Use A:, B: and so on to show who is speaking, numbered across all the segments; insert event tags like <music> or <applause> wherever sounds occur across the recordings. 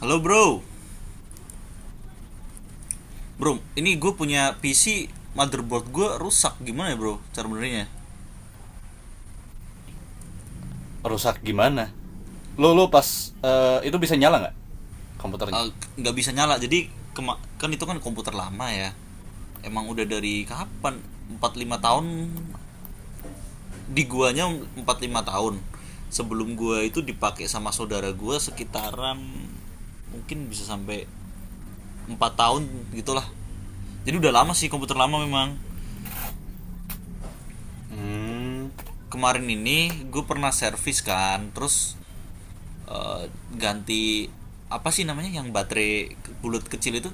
A: Halo bro, ini gue punya PC motherboard gue rusak gimana ya, bro? Cara benernya.
B: Rusak gimana? Lo lo pas itu bisa nyala nggak komputernya?
A: Eh, nggak bisa nyala. Jadi kan itu kan komputer lama ya. Emang udah dari kapan? Empat lima tahun di guanya empat lima tahun. Sebelum gua itu dipakai sama saudara gua sekitaran mungkin bisa sampai 4 tahun gitulah. Jadi udah lama sih komputer lama memang.
B: Hmm.
A: Kemarin ini gue pernah servis, kan, terus eh, ganti, apa sih namanya, yang baterai bulat kecil itu.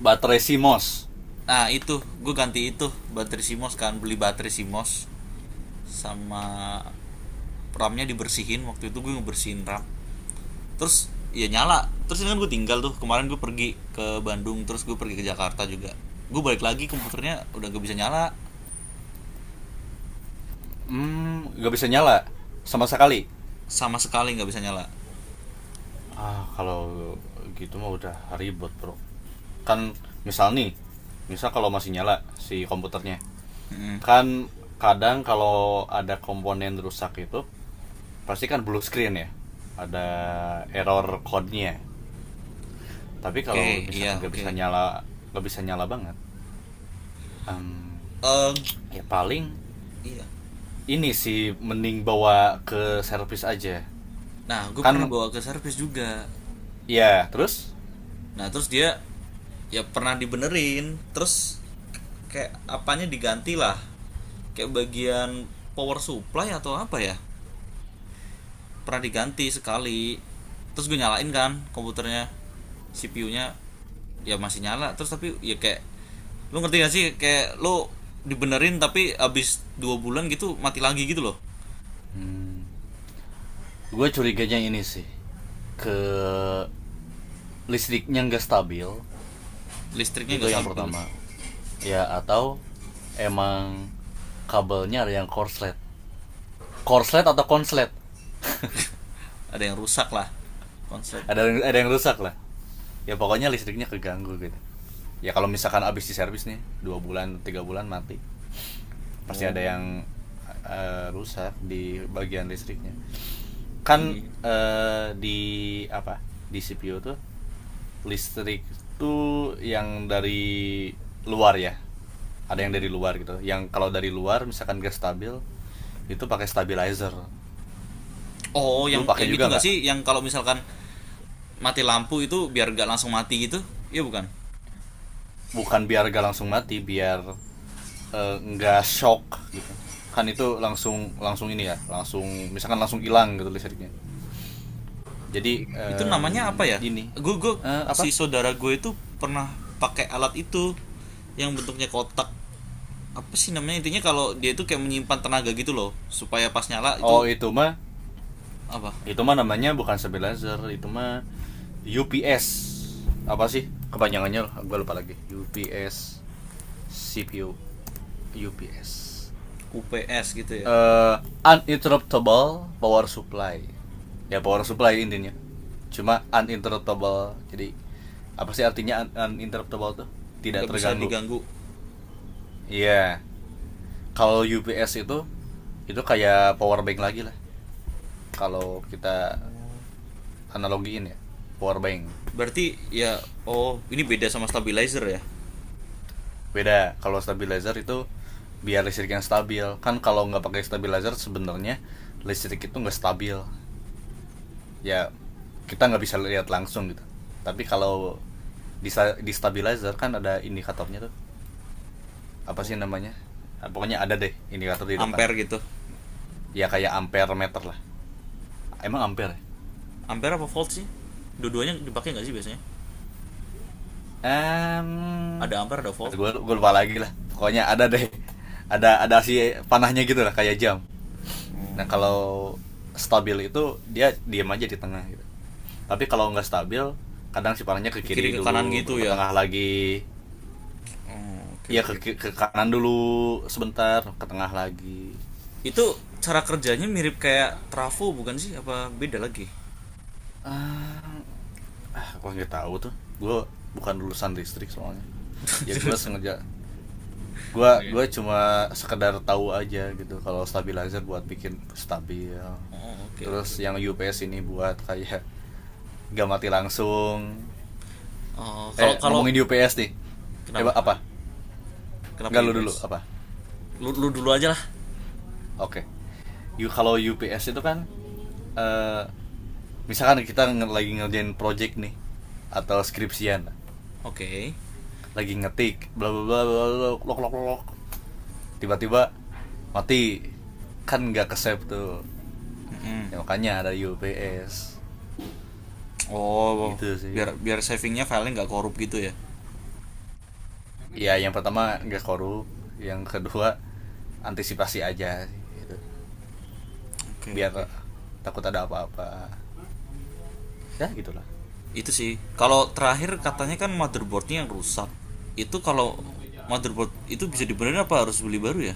B: Baterai CMOS.
A: Nah itu gue ganti itu baterai Simos, kan beli baterai Simos. Sama, ramnya dibersihin, waktu itu gue ngebersihin ram. Terus ya nyala. Terus ini kan gue tinggal tuh, kemarin gue pergi ke Bandung terus gue pergi ke Jakarta juga. Gue balik lagi komputernya udah gak bisa nyala.
B: Nggak bisa nyala sama sekali.
A: Sama sekali nggak bisa nyala.
B: Kalau gitu mah udah ribet, bro, kan. Misal nih, kalau masih nyala si komputernya,
A: Mm-mm.
B: kan kadang kalau ada komponen rusak itu pasti kan blue screen, ya, ada error code-nya. Tapi
A: Oke, okay,
B: kalau
A: iya,
B: misalkan
A: oke,
B: nggak bisa nyala banget. em,
A: eh,
B: Ya paling
A: iya.
B: ini sih mending bawa ke servis aja,
A: Nah gue pernah
B: kan.
A: bawa ke servis juga.
B: Ya terus,
A: Nah, terus dia ya pernah dibenerin, terus kayak apanya diganti lah. Kayak bagian power supply atau apa ya? Pernah diganti sekali. Terus gue nyalain kan komputernya. CPU-nya ya masih nyala, terus tapi ya kayak lu ngerti gak sih kayak lu dibenerin tapi abis 2 bulan gitu mati lagi gitu loh.
B: gue curiganya ini sih ke listriknya nggak stabil,
A: Listriknya
B: itu
A: nggak
B: yang
A: stabil.
B: pertama, ya, atau emang kabelnya ada yang korslet, korslet atau konslet,
A: Ada yang rusak lah. Konslet.
B: ada yang rusak lah. Ya pokoknya listriknya keganggu gitu. Ya kalau misalkan abis di servis nih 2 bulan 3 bulan mati, pasti ada
A: Oh,
B: yang rusak di bagian listriknya, kan.
A: iya.
B: Di apa, di CPU tuh listrik tuh yang dari luar, ya, ada yang dari luar gitu, yang kalau dari luar misalkan gas stabil itu pakai stabilizer.
A: Oh,
B: Lu
A: yang
B: pakai
A: yang itu
B: juga
A: nggak
B: nggak?
A: sih? Yang kalau misalkan mati lampu itu biar gak langsung mati gitu. Iya, bukan.
B: Bukan biar gak langsung mati, biar nggak shock gitu, kan. Itu langsung langsung ini ya, langsung misalkan langsung hilang gitu listriknya. Jadi,
A: Itu
B: em,
A: namanya apa ya?
B: ini
A: Gue,
B: Eh, apa
A: si saudara gue itu pernah pakai alat itu yang bentuknya kotak, apa sih namanya, intinya kalau dia itu kayak menyimpan tenaga gitu loh supaya pas nyala
B: oh,
A: itu apa.
B: Itu mah namanya bukan stabilizer, itu mah UPS. Apa sih kepanjangannya? Gue lupa lagi. UPS, CPU, UPS.
A: UPS gitu ya.
B: Eh Uninterruptible power supply. Ya, power supply intinya. Cuma uninterruptible. Jadi apa sih artinya uninterruptible tuh? Tidak
A: Nggak bisa
B: terganggu.
A: diganggu
B: Iya. Yeah. Kalau UPS itu kayak power bank lagi lah. Kalau kita analogiin ya, power bank.
A: berarti ya. Oh, ini beda sama stabilizer ya?
B: Beda. Kalau stabilizer itu biar listrik yang stabil, kan. Kalau nggak pakai stabilizer sebenarnya listrik itu nggak stabil, ya, kita nggak bisa lihat langsung gitu. Tapi kalau di stabilizer kan ada indikatornya tuh, apa sih namanya. Pokoknya ada deh indikator di depan.
A: Ampere gitu.
B: Ya kayak ampere meter lah, emang ampere.
A: Ampere apa volt sih? Dua-duanya dipakai nggak sih biasanya?
B: Um,
A: Ada ampere ada volt.
B: gue lupa lagi lah, pokoknya ada deh, ada si panahnya gitu lah, kayak jam. Nah, kalau stabil itu dia diam aja di tengah gitu. Tapi kalau nggak stabil, kadang si parahnya ke
A: Ke kiri
B: kiri
A: ke kanan
B: dulu,
A: gitu
B: baru ke
A: ya.
B: tengah lagi.
A: Oh, oke,
B: Iya, ke,
A: oke.
B: ke kanan dulu sebentar, ke tengah lagi.
A: Itu cara kerjanya mirip kayak trafo bukan sih? Apa beda lagi?
B: Ah, gua nggak tahu tuh. Gue bukan lulusan listrik soalnya.
A: <laughs>
B: Ya gue
A: Jurusan.
B: sengaja, gue
A: Oke.
B: gue cuma sekedar tahu aja gitu, kalau stabilizer buat bikin stabil.
A: Oh, oke, oke.
B: Terus yang UPS ini buat kayak <laughs> gak mati langsung.
A: Oh, kalau kalau
B: Ngomongin di UPS nih.
A: kenapa?
B: Apa?
A: Kenapa
B: Enggak, lu dulu
A: UPS?
B: apa?
A: Lu dulu aja lah.
B: Oke. You, kalau UPS itu kan eh misalkan kita lagi ngerjain project nih, atau skripsian,
A: Oke.
B: lagi ngetik bla bla bla, lok lok lok, tiba-tiba mati, kan nggak kesep tuh.
A: Hmm.
B: Ya, makanya ada UPS,
A: Oh,
B: gitu sih.
A: biar biar savingnya filenya nggak korup gitu ya.
B: Ya, yang pertama nggak korup, yang kedua antisipasi aja, gitu,
A: Oke,
B: biar,
A: oke.
B: takut ada apa-apa, ya gitulah.
A: Itu sih. Kalau terakhir katanya kan motherboardnya yang rusak. Itu kalau motherboard itu bisa dibenerin apa harus beli baru ya?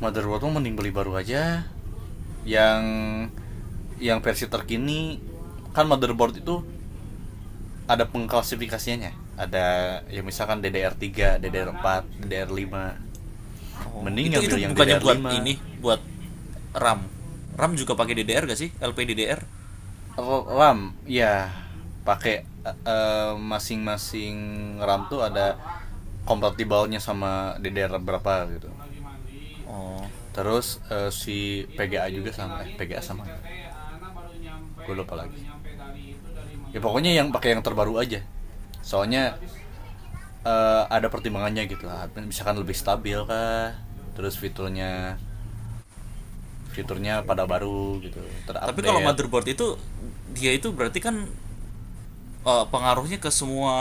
B: Motherboard mending beli baru aja, yang yang versi terkini. Kan motherboard itu ada pengklasifikasiannya, ada, ya, misalkan DDR3, DDR4, DDR5.
A: Oh,
B: Mending
A: itu
B: ngambil yang
A: bukannya buat
B: DDR5.
A: ini,
B: Lima.
A: buat RAM. RAM juga pakai DDR gak sih? LPDDR.
B: RAM ya pakai, masing-masing. RAM tuh ada kompatibelnya sama DDR berapa gitu.
A: Oh.
B: Terus si PGA juga sama, eh, PGA sama. Gue lupa lagi. Ya pokoknya yang pakai yang terbaru aja. Soalnya ada pertimbangannya gitu. Misalkan lebih stabil kah? Terus fiturnya,
A: Oke,
B: pada
A: oke.
B: baru gitu,
A: Tapi kalau
B: terupdate.
A: motherboard itu, dia itu berarti kan pengaruhnya ke semua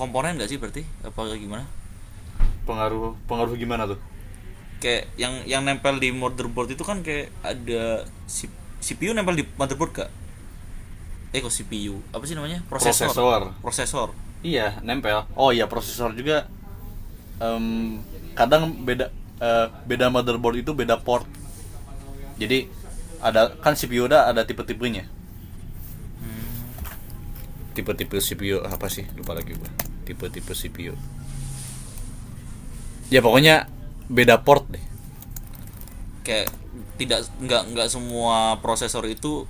A: komponen gak sih berarti? Apa gimana?
B: Pengaruh, pengaruh gimana tuh?
A: Kayak yang nempel di motherboard itu kan kayak ada CPU nempel di motherboard gak? Eh kok CPU? Apa sih namanya? Prosesor.
B: Prosesor.
A: Prosesor.
B: Iya, nempel. Oh iya, prosesor juga em, kadang beda, eh, beda motherboard itu beda port. Jadi ada kan, CPU udah ada tipe-tipenya. Tipe-tipe CPU apa sih, lupa lagi gue. Tipe-tipe CPU, ya pokoknya beda port deh.
A: Kayak tidak nggak nggak semua prosesor itu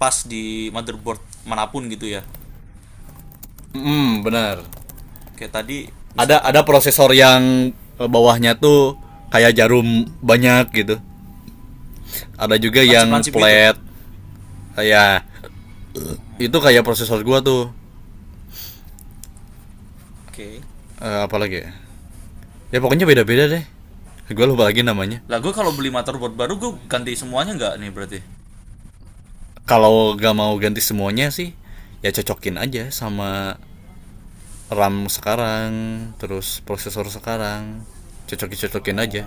A: pas di motherboard manapun gitu ya.
B: Hmm, benar.
A: Kayak tadi,
B: Ada
A: misalkan,
B: prosesor yang bawahnya tuh kayak jarum banyak gitu, ada juga yang
A: lancip-lancip gitu.
B: flat. Ya, itu kayak prosesor gua tuh.
A: Oke, okay.
B: Apalagi ya, ya pokoknya beda-beda deh, gua lupa lagi namanya.
A: Lah gue kalau beli motherboard baru gue ganti semuanya nggak nih berarti?
B: Kalau gak mau ganti semuanya sih, ya cocokin aja sama RAM sekarang, terus prosesor sekarang, cocokin cocokin aja.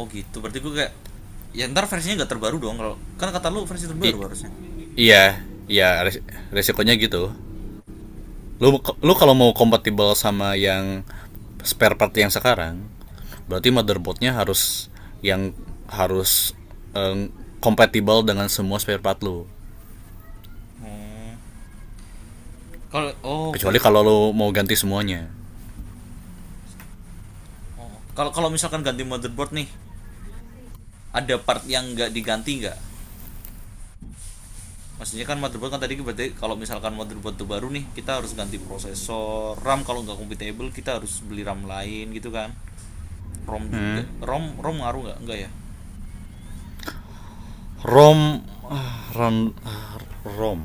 A: Oh gitu, berarti gue kayak, ya ntar versinya nggak terbaru dong, kalau kan kata lu versi terbaru
B: I-
A: harusnya.
B: Iya, iya, resikonya gitu. Lu lu kalau mau kompatibel sama yang spare part yang sekarang, berarti motherboardnya harus, yang harus eh, kompatibel dengan semua spare part lu.
A: Kalau, oh, oke, okay, oke,
B: Kecuali
A: okay.
B: kalau lu mau ganti semuanya.
A: Oh, kalau kalau misalkan ganti motherboard nih, ada part yang nggak diganti nggak? Maksudnya kan motherboard kan tadi berarti, kalau misalkan motherboard itu baru nih, kita harus ganti prosesor, RAM, kalau nggak compatible kita harus beli RAM lain gitu kan? ROM juga,
B: Hmm.
A: ROM, ROM ngaruh nggak ya?
B: ROM, RAM, ROM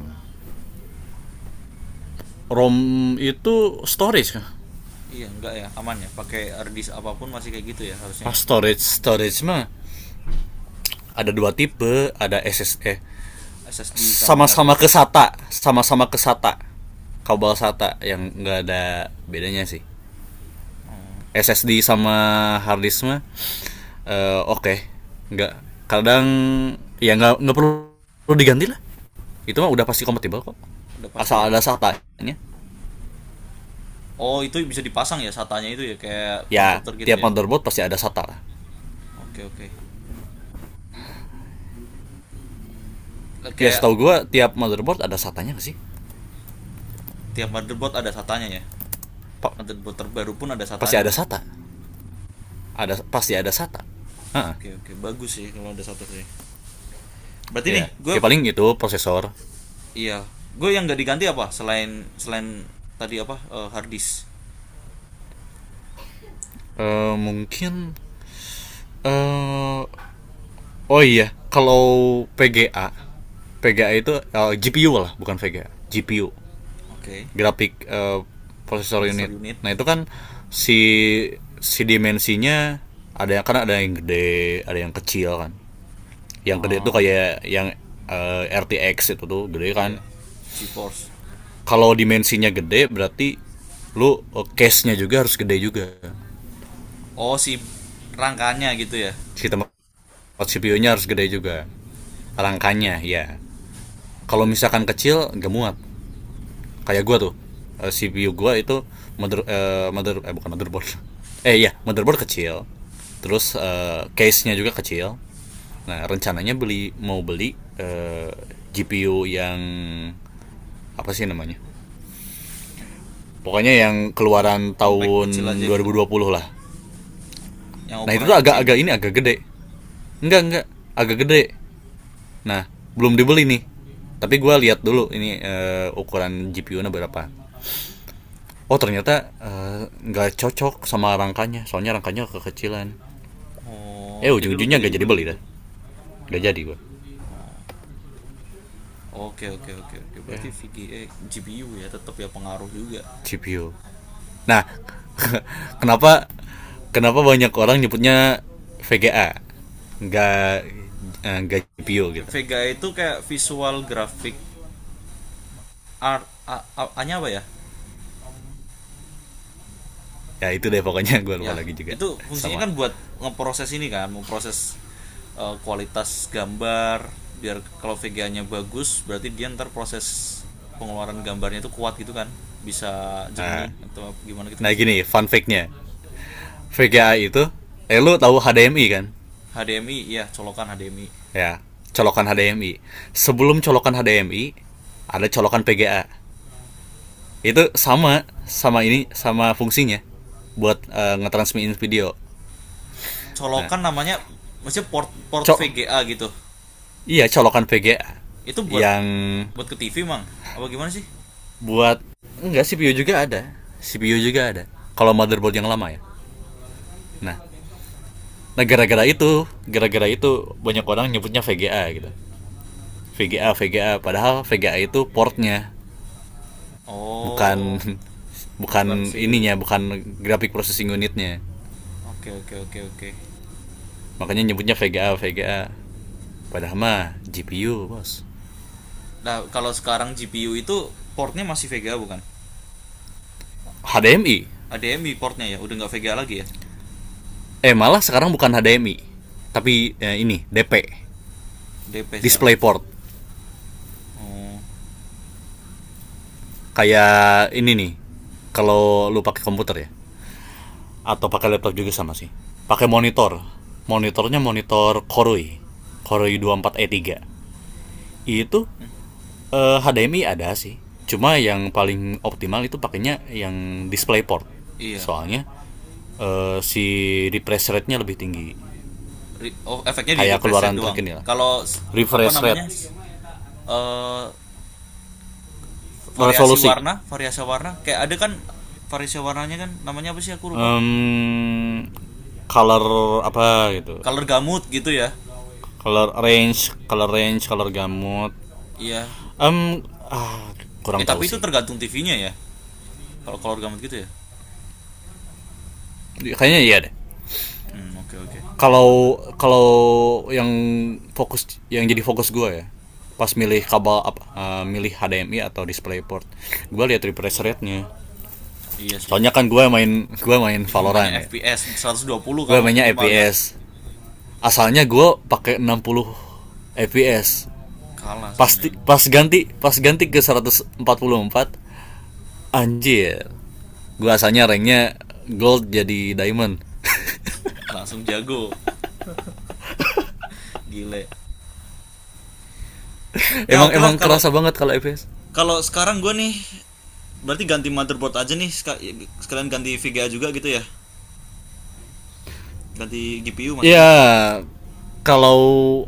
B: ROM itu storage.
A: Iya, enggak ya, aman ya. Pakai hard disk apapun masih kayak gitu ya harusnya ya.
B: Storage mah ada 2 tipe, ada S S SSD.
A: SSD sama hard
B: sama-sama
A: disk.
B: ke Sama-sama ke kabel SATA, yang nggak ada bedanya sih. SSD sama hard mah, oke, okay. Nggak, kadang, ya, nggak perlu diganti lah. Itu mah udah pasti kompatibel kok,
A: Udah pasti ya.
B: asal ada SATA-nya.
A: Oh, itu bisa dipasang ya satanya itu ya kayak
B: Ya
A: konverter gitu
B: tiap
A: ya.
B: motherboard pasti ada SATA lah.
A: Oke, oke.
B: Ya
A: Kayak,
B: setahu gue tiap motherboard ada SATA-nya, nggak sih?
A: tiap motherboard ada satanya ya.
B: Pa-
A: Motherboard terbaru pun ada
B: pasti ada
A: satanya ya.
B: SATA. Pasti ada SATA. Heeh,
A: Oke, oke. Bagus sih kalau ada SATA sih. Berarti nih,
B: iya.
A: gue,
B: Ya paling itu prosesor.
A: iya, gue yang nggak diganti apa selain selain tadi apa hard disk.
B: Eh, mungkin eh Oh iya, kalau PGA, PGA itu, GPU lah, bukan VGA, GPU,
A: Oke.
B: grafik, processor
A: Processor
B: unit.
A: unit.
B: Nah itu kan si si dimensinya, ada yang, kan, ada yang gede, ada yang kecil kan. Yang gede itu
A: Ah,
B: kayak yang RTX, itu tuh gede kan.
A: iya. GeForce.
B: Kalau dimensinya gede berarti case-nya juga harus gede juga.
A: Oh, si rangkanya gitu ya.
B: Si tempat CPU-nya harus gede juga, rangkanya ya.
A: Oke,
B: Kalau
A: oke.
B: misalkan kecil gak muat. Kayak gua tuh, CPU gua itu, mother eh bukan motherboard, <laughs> iya, motherboard kecil, terus case-nya juga kecil. Nah, rencananya mau beli GPU yang apa sih namanya,
A: Yang
B: pokoknya yang
A: kom-
B: keluaran
A: compact kecil
B: tahun
A: aja
B: dua dua
A: gitu.
B: ribu dua puluh lah.
A: Yang
B: Nah itu
A: ukurannya
B: tuh
A: kecil.
B: agak-agak ini, agak gede, enggak, agak gede. Nah, belum dibeli nih, tapi gua lihat dulu ini ukuran GPU-nya berapa. Oh ternyata, nggak, cocok sama rangkanya, soalnya rangkanya kekecilan.
A: Oh, jadi lu
B: Ujung-ujungnya
A: gak jadi
B: nggak jadi
A: beli
B: beli
A: gitu.
B: dah, nggak jadi gua.
A: Oke, oke, oke, oke.
B: Ya,
A: Berarti VGA, GPU ya tetap ya pengaruh juga.
B: CPU. Nah, <laughs> kenapa kenapa banyak orang nyebutnya VGA, nggak nggak GPU gitu?
A: Vega itu kayak visual graphic art, A-nya apa ya?
B: Ya itu deh pokoknya, <laughs> gua lupa
A: Ya
B: lagi juga.
A: itu fungsinya
B: Sama.
A: kan buat ngeproses, ini kan memproses kualitas gambar, biar kalau VGA-nya bagus berarti dia ntar proses pengeluaran gambarnya itu kuat gitu, kan bisa
B: eh,
A: jernih atau gimana gitu
B: nah
A: nggak sih?
B: gini, fun fact-nya VGA itu, lu tahu HDMI kan?
A: HDMI, ya colokan HDMI,
B: Ya, colokan HDMI. Sebelum colokan HDMI ada colokan PGA. Itu sama, sama ini, sama fungsinya, buat ngetransmitin video. Nah,
A: colokan namanya, maksudnya port port
B: cok,
A: VGA gitu,
B: iya, colokan VGA,
A: itu buat
B: yang
A: buat ke TV mang, apa gimana sih?
B: buat, enggak, CPU juga ada, kalau motherboard yang lama ya. Nah, nah gara-gara itu banyak orang nyebutnya VGA gitu. VGA, VGA, padahal VGA itu portnya, bukan,
A: Oh,
B: <laughs>
A: bukan sih.
B: bukan graphic processing unit-nya.
A: Oke, oke, oke, oke.
B: Makanya nyebutnya VGA, VGA, padahal mah GPU, bos.
A: Nah kalau sekarang GPU itu portnya masih VGA bukan?
B: HDMI.
A: HDMI portnya ya, udah nggak VGA lagi ya.
B: Malah sekarang bukan HDMI, tapi ini DP,
A: DP sekarang.
B: DisplayPort.
A: Oh
B: Kayak ini nih, kalau lu pakai komputer ya, atau pakai laptop juga sama sih, pakai monitornya monitor Koroi Koroi 24E3. Itu HDMI ada sih, cuma yang paling optimal itu pakainya yang DisplayPort.
A: iya.
B: Soalnya si refresh rate-nya lebih tinggi.
A: Oh, efeknya di
B: Kayak
A: refresh rate
B: keluaran
A: doang.
B: terkini lah,
A: Kalau apa
B: refresh rate,
A: namanya eh,
B: resolusi.
A: variasi warna, kayak ada kan, variasi warnanya kan, namanya apa sih aku lupa.
B: Em, Color apa gitu,
A: Color gamut gitu ya.
B: color range, color gamut.
A: Iya,
B: um ah, Kurang
A: eh
B: tahu
A: tapi itu
B: sih,
A: tergantung TV-nya ya. Kalau color gamut gitu ya.
B: kayaknya iya deh.
A: Hmm, oke, okay, oke, okay.
B: Kalau, yang yang jadi fokus gue ya, pas milih kabel, apa, milih HDMI atau DisplayPort, gue lihat refresh rate-nya.
A: Iya sih.
B: Soalnya kan gue main
A: Iya namanya
B: Valorant ya.
A: FPS 120
B: Gue
A: kamu
B: mainnya
A: minimal ya.
B: FPS, asalnya gue pakai 60 FPS.
A: Kalah sama
B: Pasti,
A: yang
B: pas ganti ke 144, anjir, gua asalnya ranknya gold jadi diamond.
A: langsung jago, gile. Ya
B: Emang
A: oke, okay lah.
B: emang
A: kalau
B: kerasa banget kalau FPS.
A: kalau sekarang gue nih, berarti ganti motherboard aja nih, sekalian ganti VGA juga gitu ya. Ganti GPU maksudnya.
B: Ya kalau,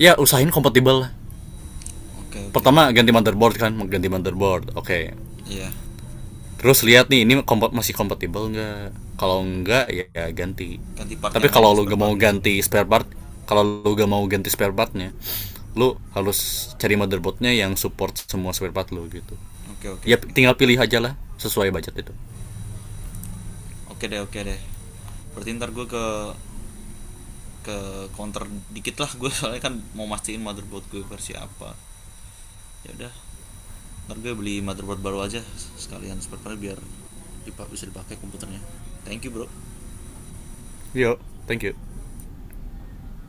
B: ya usahain kompatibel.
A: Oke, oke.
B: Pertama ganti motherboard, kan, ganti motherboard, oke, okay.
A: Iya,
B: Terus lihat nih ini masih kompatibel nggak. Kalau nggak, ya ganti.
A: ganti part
B: Tapi
A: yang
B: kalau
A: lainnya
B: lu
A: spare
B: gak
A: part
B: mau
A: juga.
B: ganti spare part, kalau lu gak mau ganti spare partnya lu harus cari motherboardnya yang support semua spare part lu, gitu.
A: Oke, oke,
B: Ya
A: oke.
B: tinggal pilih aja lah, sesuai budget itu.
A: Oke deh, oke deh. Berarti ntar gue ke ke counter dikit lah gue <laughs> soalnya kan mau mastiin motherboard gue versi apa. Ya udah, ntar gue beli motherboard baru aja sekalian spare part biar bisa dipakai komputernya. Thank you, bro.
B: Yo, thank you.